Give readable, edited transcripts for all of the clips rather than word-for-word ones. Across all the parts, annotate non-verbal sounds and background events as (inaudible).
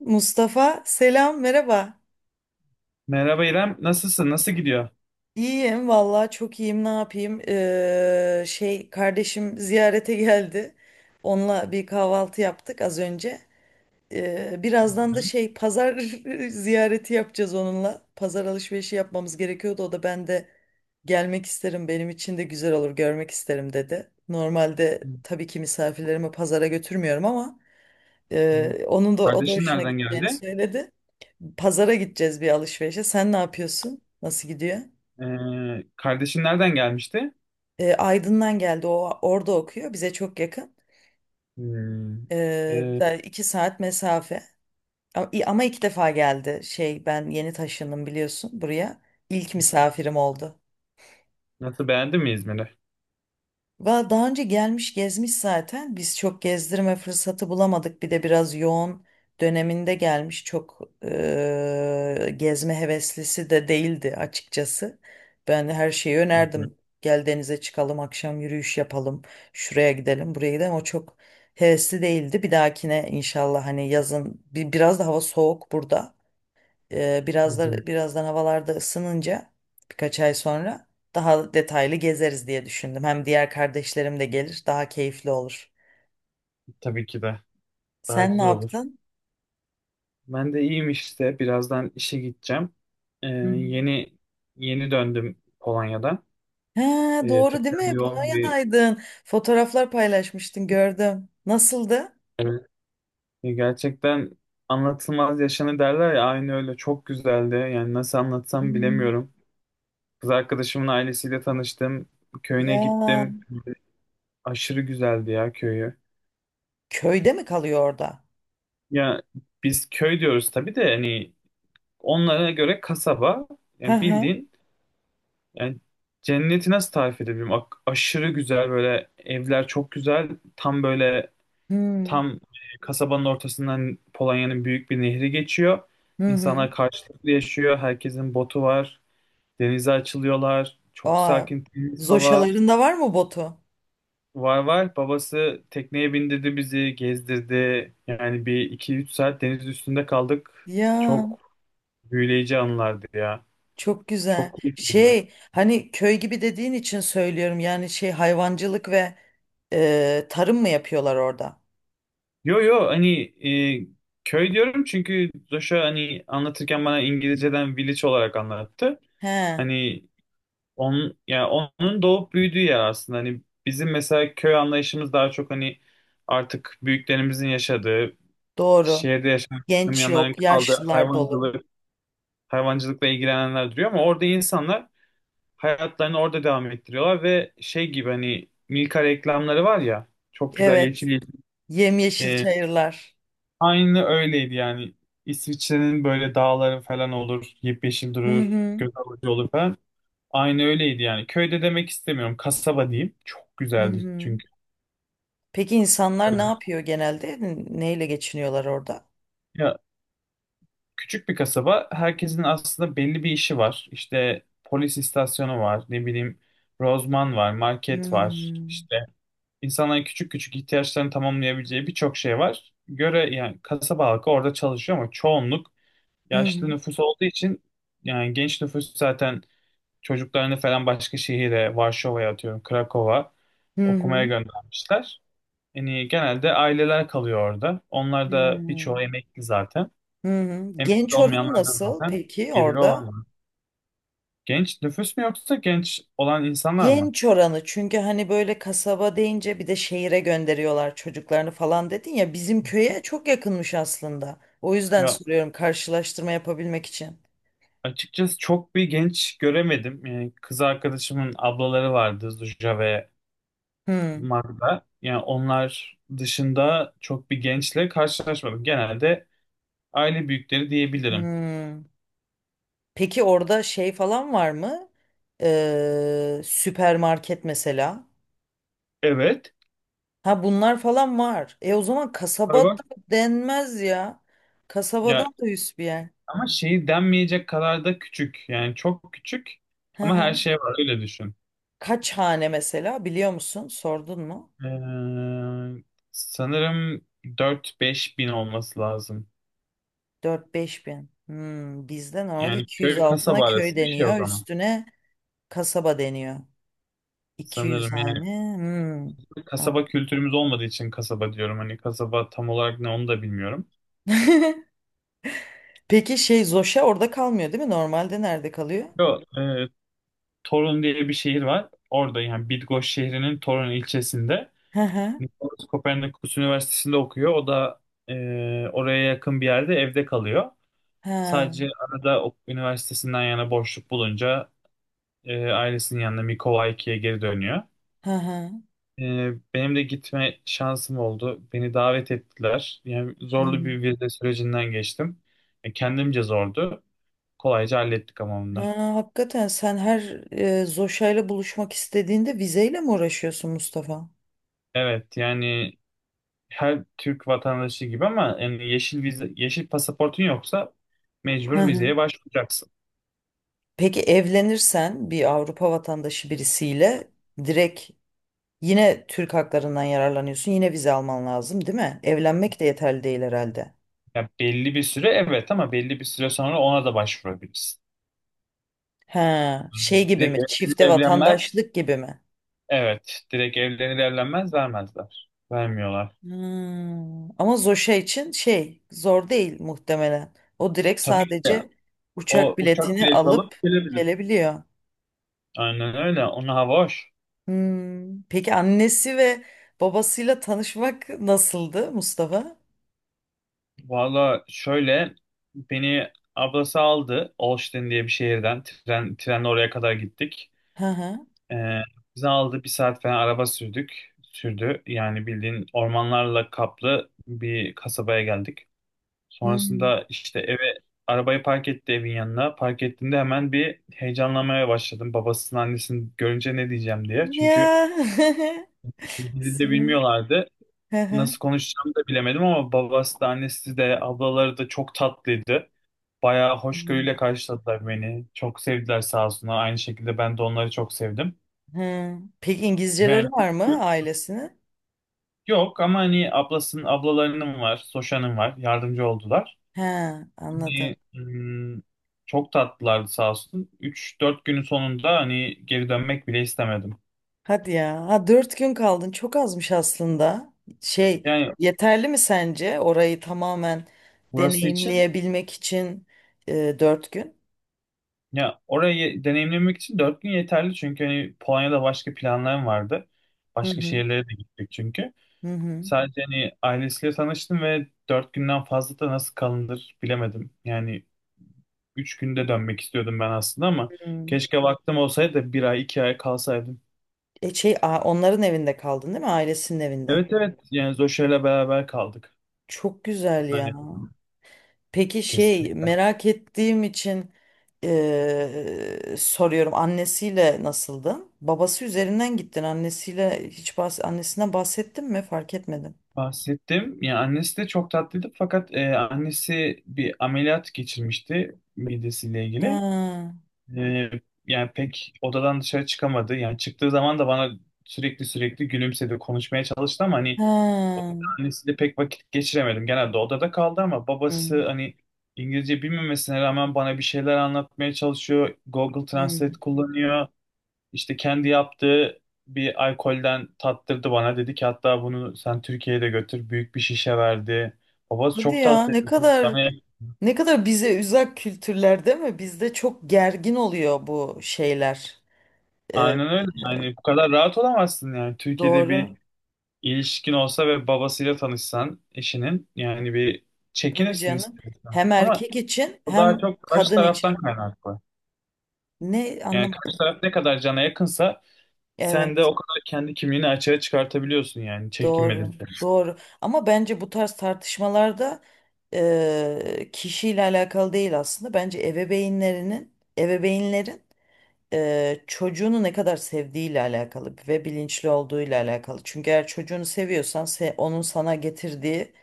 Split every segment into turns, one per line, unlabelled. Mustafa selam merhaba.
Merhaba İrem, nasılsın? Nasıl gidiyor?
İyiyim vallahi çok iyiyim ne yapayım. Şey kardeşim ziyarete geldi. Onunla bir kahvaltı yaptık az önce. Birazdan da
Hı
şey pazar (laughs) ziyareti yapacağız onunla. Pazar alışverişi yapmamız gerekiyordu. O da ben de gelmek isterim benim için de güzel olur görmek isterim dedi.
hı.
Normalde tabii ki misafirlerimi pazara götürmüyorum ama
Hı.
onun da o da
Kardeşin
hoşuna
nereden
gideceğini
geldi?
söyledi. Pazara gideceğiz bir alışverişe. Sen ne yapıyorsun? Nasıl gidiyor?
Kardeşin nereden gelmişti?
Aydın'dan geldi. O orada okuyor. Bize çok yakın.
Hmm.
E,
Ee,
Da 2 saat mesafe. Ama 2 defa geldi. Şey ben yeni taşındım biliyorsun buraya. İlk misafirim oldu.
Nasıl, beğendin mi İzmir'i?
Daha önce gelmiş gezmiş zaten. Biz çok gezdirme fırsatı bulamadık. Bir de biraz yoğun döneminde gelmiş. Çok gezme heveslisi de değildi açıkçası. Ben her şeyi
Hı hı,
önerdim. Gel denize çıkalım, akşam yürüyüş yapalım, şuraya gidelim, buraya gidelim. O çok hevesli değildi. Bir dahakine inşallah hani yazın biraz da hava soğuk burada.
hı hı.
Birazdan havalarda ısınınca birkaç ay sonra daha detaylı gezeriz diye düşündüm. Hem diğer kardeşlerim de gelir, daha keyifli olur.
Tabii ki de. Daha
Sen ne
güzel olur.
yaptın?
Ben de iyiyim işte. Birazdan işe gideceğim.
Hı hı.
Yeni yeni döndüm Polonya'dan.
Ha, doğru değil
Tekrar
mi?
yoğun bir.
Polonya'daydın. Fotoğraflar paylaşmıştın, gördüm. Nasıldı?
Evet. Gerçekten anlatılmaz yaşanı derler ya, aynı öyle, çok güzeldi. Yani nasıl
Hı
anlatsam
hı.
bilemiyorum. Kız arkadaşımın ailesiyle tanıştım.
Ya
Köyüne gittim. Aşırı güzeldi ya köyü.
köyde mi kalıyor orada?
Ya, biz köy diyoruz tabii de hani onlara göre kasaba,
Hı
yani
hı.
bildiğin, yani cenneti nasıl tarif edebilirim? Aşırı güzel, böyle evler çok güzel. Tam böyle,
Hmm.
tam kasabanın ortasından Polonya'nın büyük bir nehri geçiyor.
Hı hı.
İnsanlar karşılıklı yaşıyor. Herkesin botu var. Denize açılıyorlar. Çok
Aa,
sakin, temiz hava.
zoşaların da var mı botu?
Var var. Babası tekneye bindirdi bizi, gezdirdi. Yani bir iki üç saat deniz üstünde kaldık.
Ya.
Çok büyüleyici anlardı ya.
Çok güzel.
Çok keyifliydi.
Şey hani köy gibi dediğin için söylüyorum yani şey hayvancılık ve tarım mı yapıyorlar orada?
Yo yo, hani e, köy diyorum çünkü Joshua hani anlatırken bana İngilizceden village olarak anlattı.
He,
Hani onun doğup büyüdüğü yer aslında. Hani bizim mesela köy anlayışımız daha çok hani artık büyüklerimizin yaşadığı,
doğru.
şehirde yaşayan insanların
Genç
yanların
yok,
kaldığı,
yaşlılar dolu.
hayvancılıkla ilgilenenler duruyor, ama orada insanlar hayatlarını orada devam ettiriyorlar ve şey gibi, hani Milka reklamları var ya, çok güzel,
Evet,
yeşil yeşil.
yemyeşil
Ee,
çayırlar.
Aynı öyleydi yani. İsviçre'nin böyle dağları falan olur, yemyeşil
Hı
durur,
hı,
göz alıcı olur falan. Aynı öyleydi yani. Köyde demek istemiyorum. Kasaba diyeyim. Çok
hı
güzeldi
hı.
çünkü.
Peki insanlar ne yapıyor genelde? Neyle geçiniyorlar orada?
Ya, küçük bir kasaba. Herkesin aslında belli bir işi var. İşte polis istasyonu var, ne bileyim, rozman var,
Hı
market
hı,
var. İşte İnsanların küçük küçük ihtiyaçlarını tamamlayabileceği birçok şey var. Göre yani kasaba halkı orada çalışıyor ama çoğunluk
hı
yaşlı
hı,
nüfus olduğu için, yani genç nüfus zaten çocuklarını falan başka şehire, Varşova'ya atıyorum, Krakow'a
hı
okumaya
hı.
göndermişler. Yani genelde aileler kalıyor orada. Onlar da birçoğu emekli zaten.
Hı hı.
Emekli
Genç oranı
olmayanlar da
nasıl
zaten
peki
geliri
orada?
olanlar. Genç nüfus mu yoksa genç olan insanlar mı?
Genç oranı çünkü hani böyle kasaba deyince bir de şehire gönderiyorlar çocuklarını falan dedin ya bizim köye çok yakınmış aslında. O yüzden
Ya,
soruyorum karşılaştırma yapabilmek için.
açıkçası çok bir genç göremedim. Yani kız arkadaşımın ablaları vardı, Zuja ve
Hmm,
Magda. Yani onlar dışında çok bir gençle karşılaşmadım. Genelde aile büyükleri diyebilirim.
hmm. Peki orada şey falan var mı? Süpermarket mesela.
Evet.
Ha bunlar falan var. O zaman kasabada
Var.
denmez ya.
Ya
Kasabadan da üst bir yer.
ama şeyi denmeyecek kadar da küçük. Yani çok küçük
Hı
ama
hı.
her şey var, öyle düşün.
Kaç hane mesela biliyor musun? Sordun mu?
Ee, Sanırım 4-5 bin olması lazım.
4-5 bin. Hmm, bizde normalde
Yani
200
köy
altına
kasaba
köy
arası bir şey o
deniyor.
zaman.
Üstüne kasaba deniyor. 200
Sanırım yani.
hane. Hmm. An-
Kasaba kültürümüz olmadığı için kasaba diyorum. Hani kasaba tam olarak ne, onu da bilmiyorum.
(laughs) Peki şey Zoşa orada kalmıyor değil mi? Normalde nerede kalıyor?
Yo, Torun diye bir şehir var. Orada, yani Bidgoş şehrinin Torun ilçesinde.
Hı hı.
Nikolaus Kopernikus Üniversitesi'nde okuyor. O da oraya yakın bir yerde evde kalıyor.
Ha.
Sadece arada o üniversitesinden yana boşluk bulunca ailesinin yanına Mikowaiki'ye geri dönüyor.
Hı hı.
E, Benim de gitme şansım oldu. Beni davet ettiler. Yani
Hı
zorlu
hı.
bir vize sürecinden geçtim. Kendimce zordu. Kolayca hallettik ama.
Ha, hakikaten sen her Zoşa'yla buluşmak istediğinde vizeyle mi uğraşıyorsun Mustafa?
Evet yani, her Türk vatandaşı gibi, ama yani yeşil vize, yeşil pasaportun yoksa
Hı
mecbur
hı.
vizeye başvuracaksın.
Peki evlenirsen bir Avrupa vatandaşı birisiyle direkt yine Türk haklarından yararlanıyorsun. Yine vize alman lazım, değil mi? Evlenmek de yeterli değil herhalde.
Ya, belli bir süre evet, ama belli bir süre sonra ona da başvurabilirsin.
Ha, şey
Anladım.
gibi
Direkt
mi?
evlenir
Çifte
evlenmez.
vatandaşlık gibi mi?
Evet. Direkt evlenir evlenmez vermezler. Vermiyorlar.
Hmm, ama Zoşa için şey zor değil muhtemelen. O direkt
Tabii ki de,
sadece
o
uçak
uçak
biletini
bileti alıp
alıp
gelebilir.
gelebiliyor.
Aynen öyle. Ona hava hoş.
Hmm, peki annesi ve babasıyla tanışmak nasıldı Mustafa?
Valla şöyle, beni ablası aldı Olsztyn diye bir şehirden, trenle oraya kadar gittik.
Hı hı.
Ee, Bizi aldı, bir saat falan araba sürdü, yani bildiğin ormanlarla kaplı bir kasabaya geldik.
Hmm.
Sonrasında işte eve, arabayı park etti, evin yanına park ettiğinde hemen bir heyecanlanmaya başladım, babasının annesini görünce ne diyeceğim diye, çünkü
Ya. (laughs)
dili de
Süper.
bilmiyorlardı.
Hı hı.
Nasıl konuşacağımı da bilemedim, ama babası da annesi de ablaları da çok tatlıydı. Bayağı
Hmm.
hoşgörüyle karşıladılar beni. Çok sevdiler sağ olsunlar. Aynı şekilde ben de onları çok sevdim.
He. Peki İngilizceleri
Yani
var mı ailesini?
yok, ama hani ablalarının var, Soşan'ın var. Yardımcı oldular.
He, anladım.
Hani, çok tatlılardı sağ olsun. 3-4 günün sonunda hani geri dönmek bile istemedim.
Hadi ya. Ha, 4 gün kaldın. Çok azmış aslında. Şey,
Yani
yeterli mi sence orayı tamamen
burası için,
deneyimleyebilmek için 4 gün?
ya orayı deneyimlemek için 4 gün yeterli, çünkü hani Polonya'da başka planlarım vardı.
Hı
Başka
hı.
şehirlere de gittik çünkü.
Hı hı.
Sadece hani ailesiyle tanıştım ve dört günden fazla da nasıl kalınır bilemedim. Yani üç günde dönmek istiyordum ben aslında, ama
Hı.
keşke vaktim olsaydı da bir ay iki ay kalsaydım.
Şey, onların evinde kaldın değil mi? Ailesinin evinde.
Evet evet, yani Zoşa'yla beraber kaldık.
Çok güzel ya.
Hani,
Peki şey
kesinlikle
merak ettiğim için soruyorum annesiyle nasıldın? Babası üzerinden gittin annesiyle hiç annesinden bahsettin mi? Fark etmedim.
bahsettim. Yani annesi de çok tatlıydı, fakat annesi bir ameliyat geçirmişti midesiyle ilgili.
Ha,
E, Yani pek odadan dışarı çıkamadı. Yani çıktığı zaman da bana sürekli sürekli gülümsedi, konuşmaya çalıştı, ama hani o,
ha.
annesiyle pek vakit geçiremedim. Genelde odada kaldı, ama
Hı,
babası hani İngilizce bilmemesine rağmen bana bir şeyler anlatmaya çalışıyor. Google
hı.
Translate kullanıyor. İşte kendi yaptığı bir alkolden tattırdı bana. Dedi ki hatta, bunu sen Türkiye'ye de götür. Büyük bir şişe verdi. Babası
Hadi
çok
ya
tatlıydı. Yani
ne kadar bize uzak kültürler değil mi? Bizde çok gergin oluyor bu şeyler. Eee,
aynen öyle.
eee,
Yani bu kadar rahat olamazsın yani. Türkiye'de bir
doğru.
ilişkin olsa ve babasıyla tanışsan eşinin, yani bir
Tabii
çekinirsin
canım.
istersen.
Hem
Ama
erkek için
o daha
hem
çok karşı
kadın
taraftan
için.
kaynaklı.
Ne
Yani karşı
anlamadım.
taraf ne kadar cana yakınsa, sen de
Evet.
o kadar kendi kimliğini açığa çıkartabiliyorsun, yani
Doğru,
çekinmedin.
doğru. Ama bence bu tarz tartışmalarda kişiyle alakalı değil aslında. Bence ebeveynlerin çocuğunu ne kadar sevdiğiyle alakalı ve bilinçli olduğuyla alakalı. Çünkü eğer çocuğunu seviyorsan onun sana getirdiği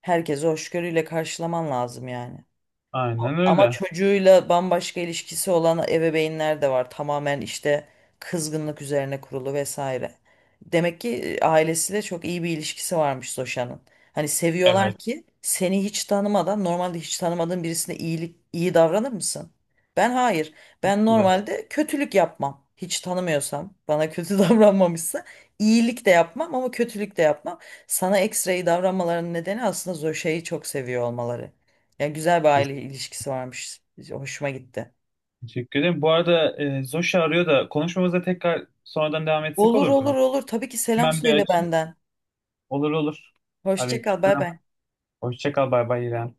herkese hoşgörüyle karşılaman lazım yani.
Aynen
Ama
öyle.
çocuğuyla bambaşka ilişkisi olan ebeveynler de var. Tamamen işte kızgınlık üzerine kurulu vesaire. Demek ki ailesiyle çok iyi bir ilişkisi varmış Zoşan'ın. Hani seviyorlar
Evet.
ki seni hiç tanımadan normalde hiç tanımadığın birisine iyi davranır mısın? Ben hayır. Ben
Güzel.
normalde kötülük yapmam. Hiç tanımıyorsam bana kötü (laughs) davranmamışsa iyilik de yapmam ama kötülük de yapmam. Sana ekstra iyi davranmalarının nedeni aslında Zoşa'yı çok seviyor olmaları. Ya güzel bir aile
Kesin.
ilişkisi varmış. Hoşuma gitti.
Teşekkür ederim. Bu arada, Zoşi arıyor da, konuşmamıza tekrar sonradan devam etsek
Olur
olur
olur
mu?
olur. Tabii ki selam
Hemen bir
söyle
açayım.
benden.
Olur olur.
Hoşça kal.
Aleyküm.
Bay bay.
Hoşça kal. Bay bay İrem.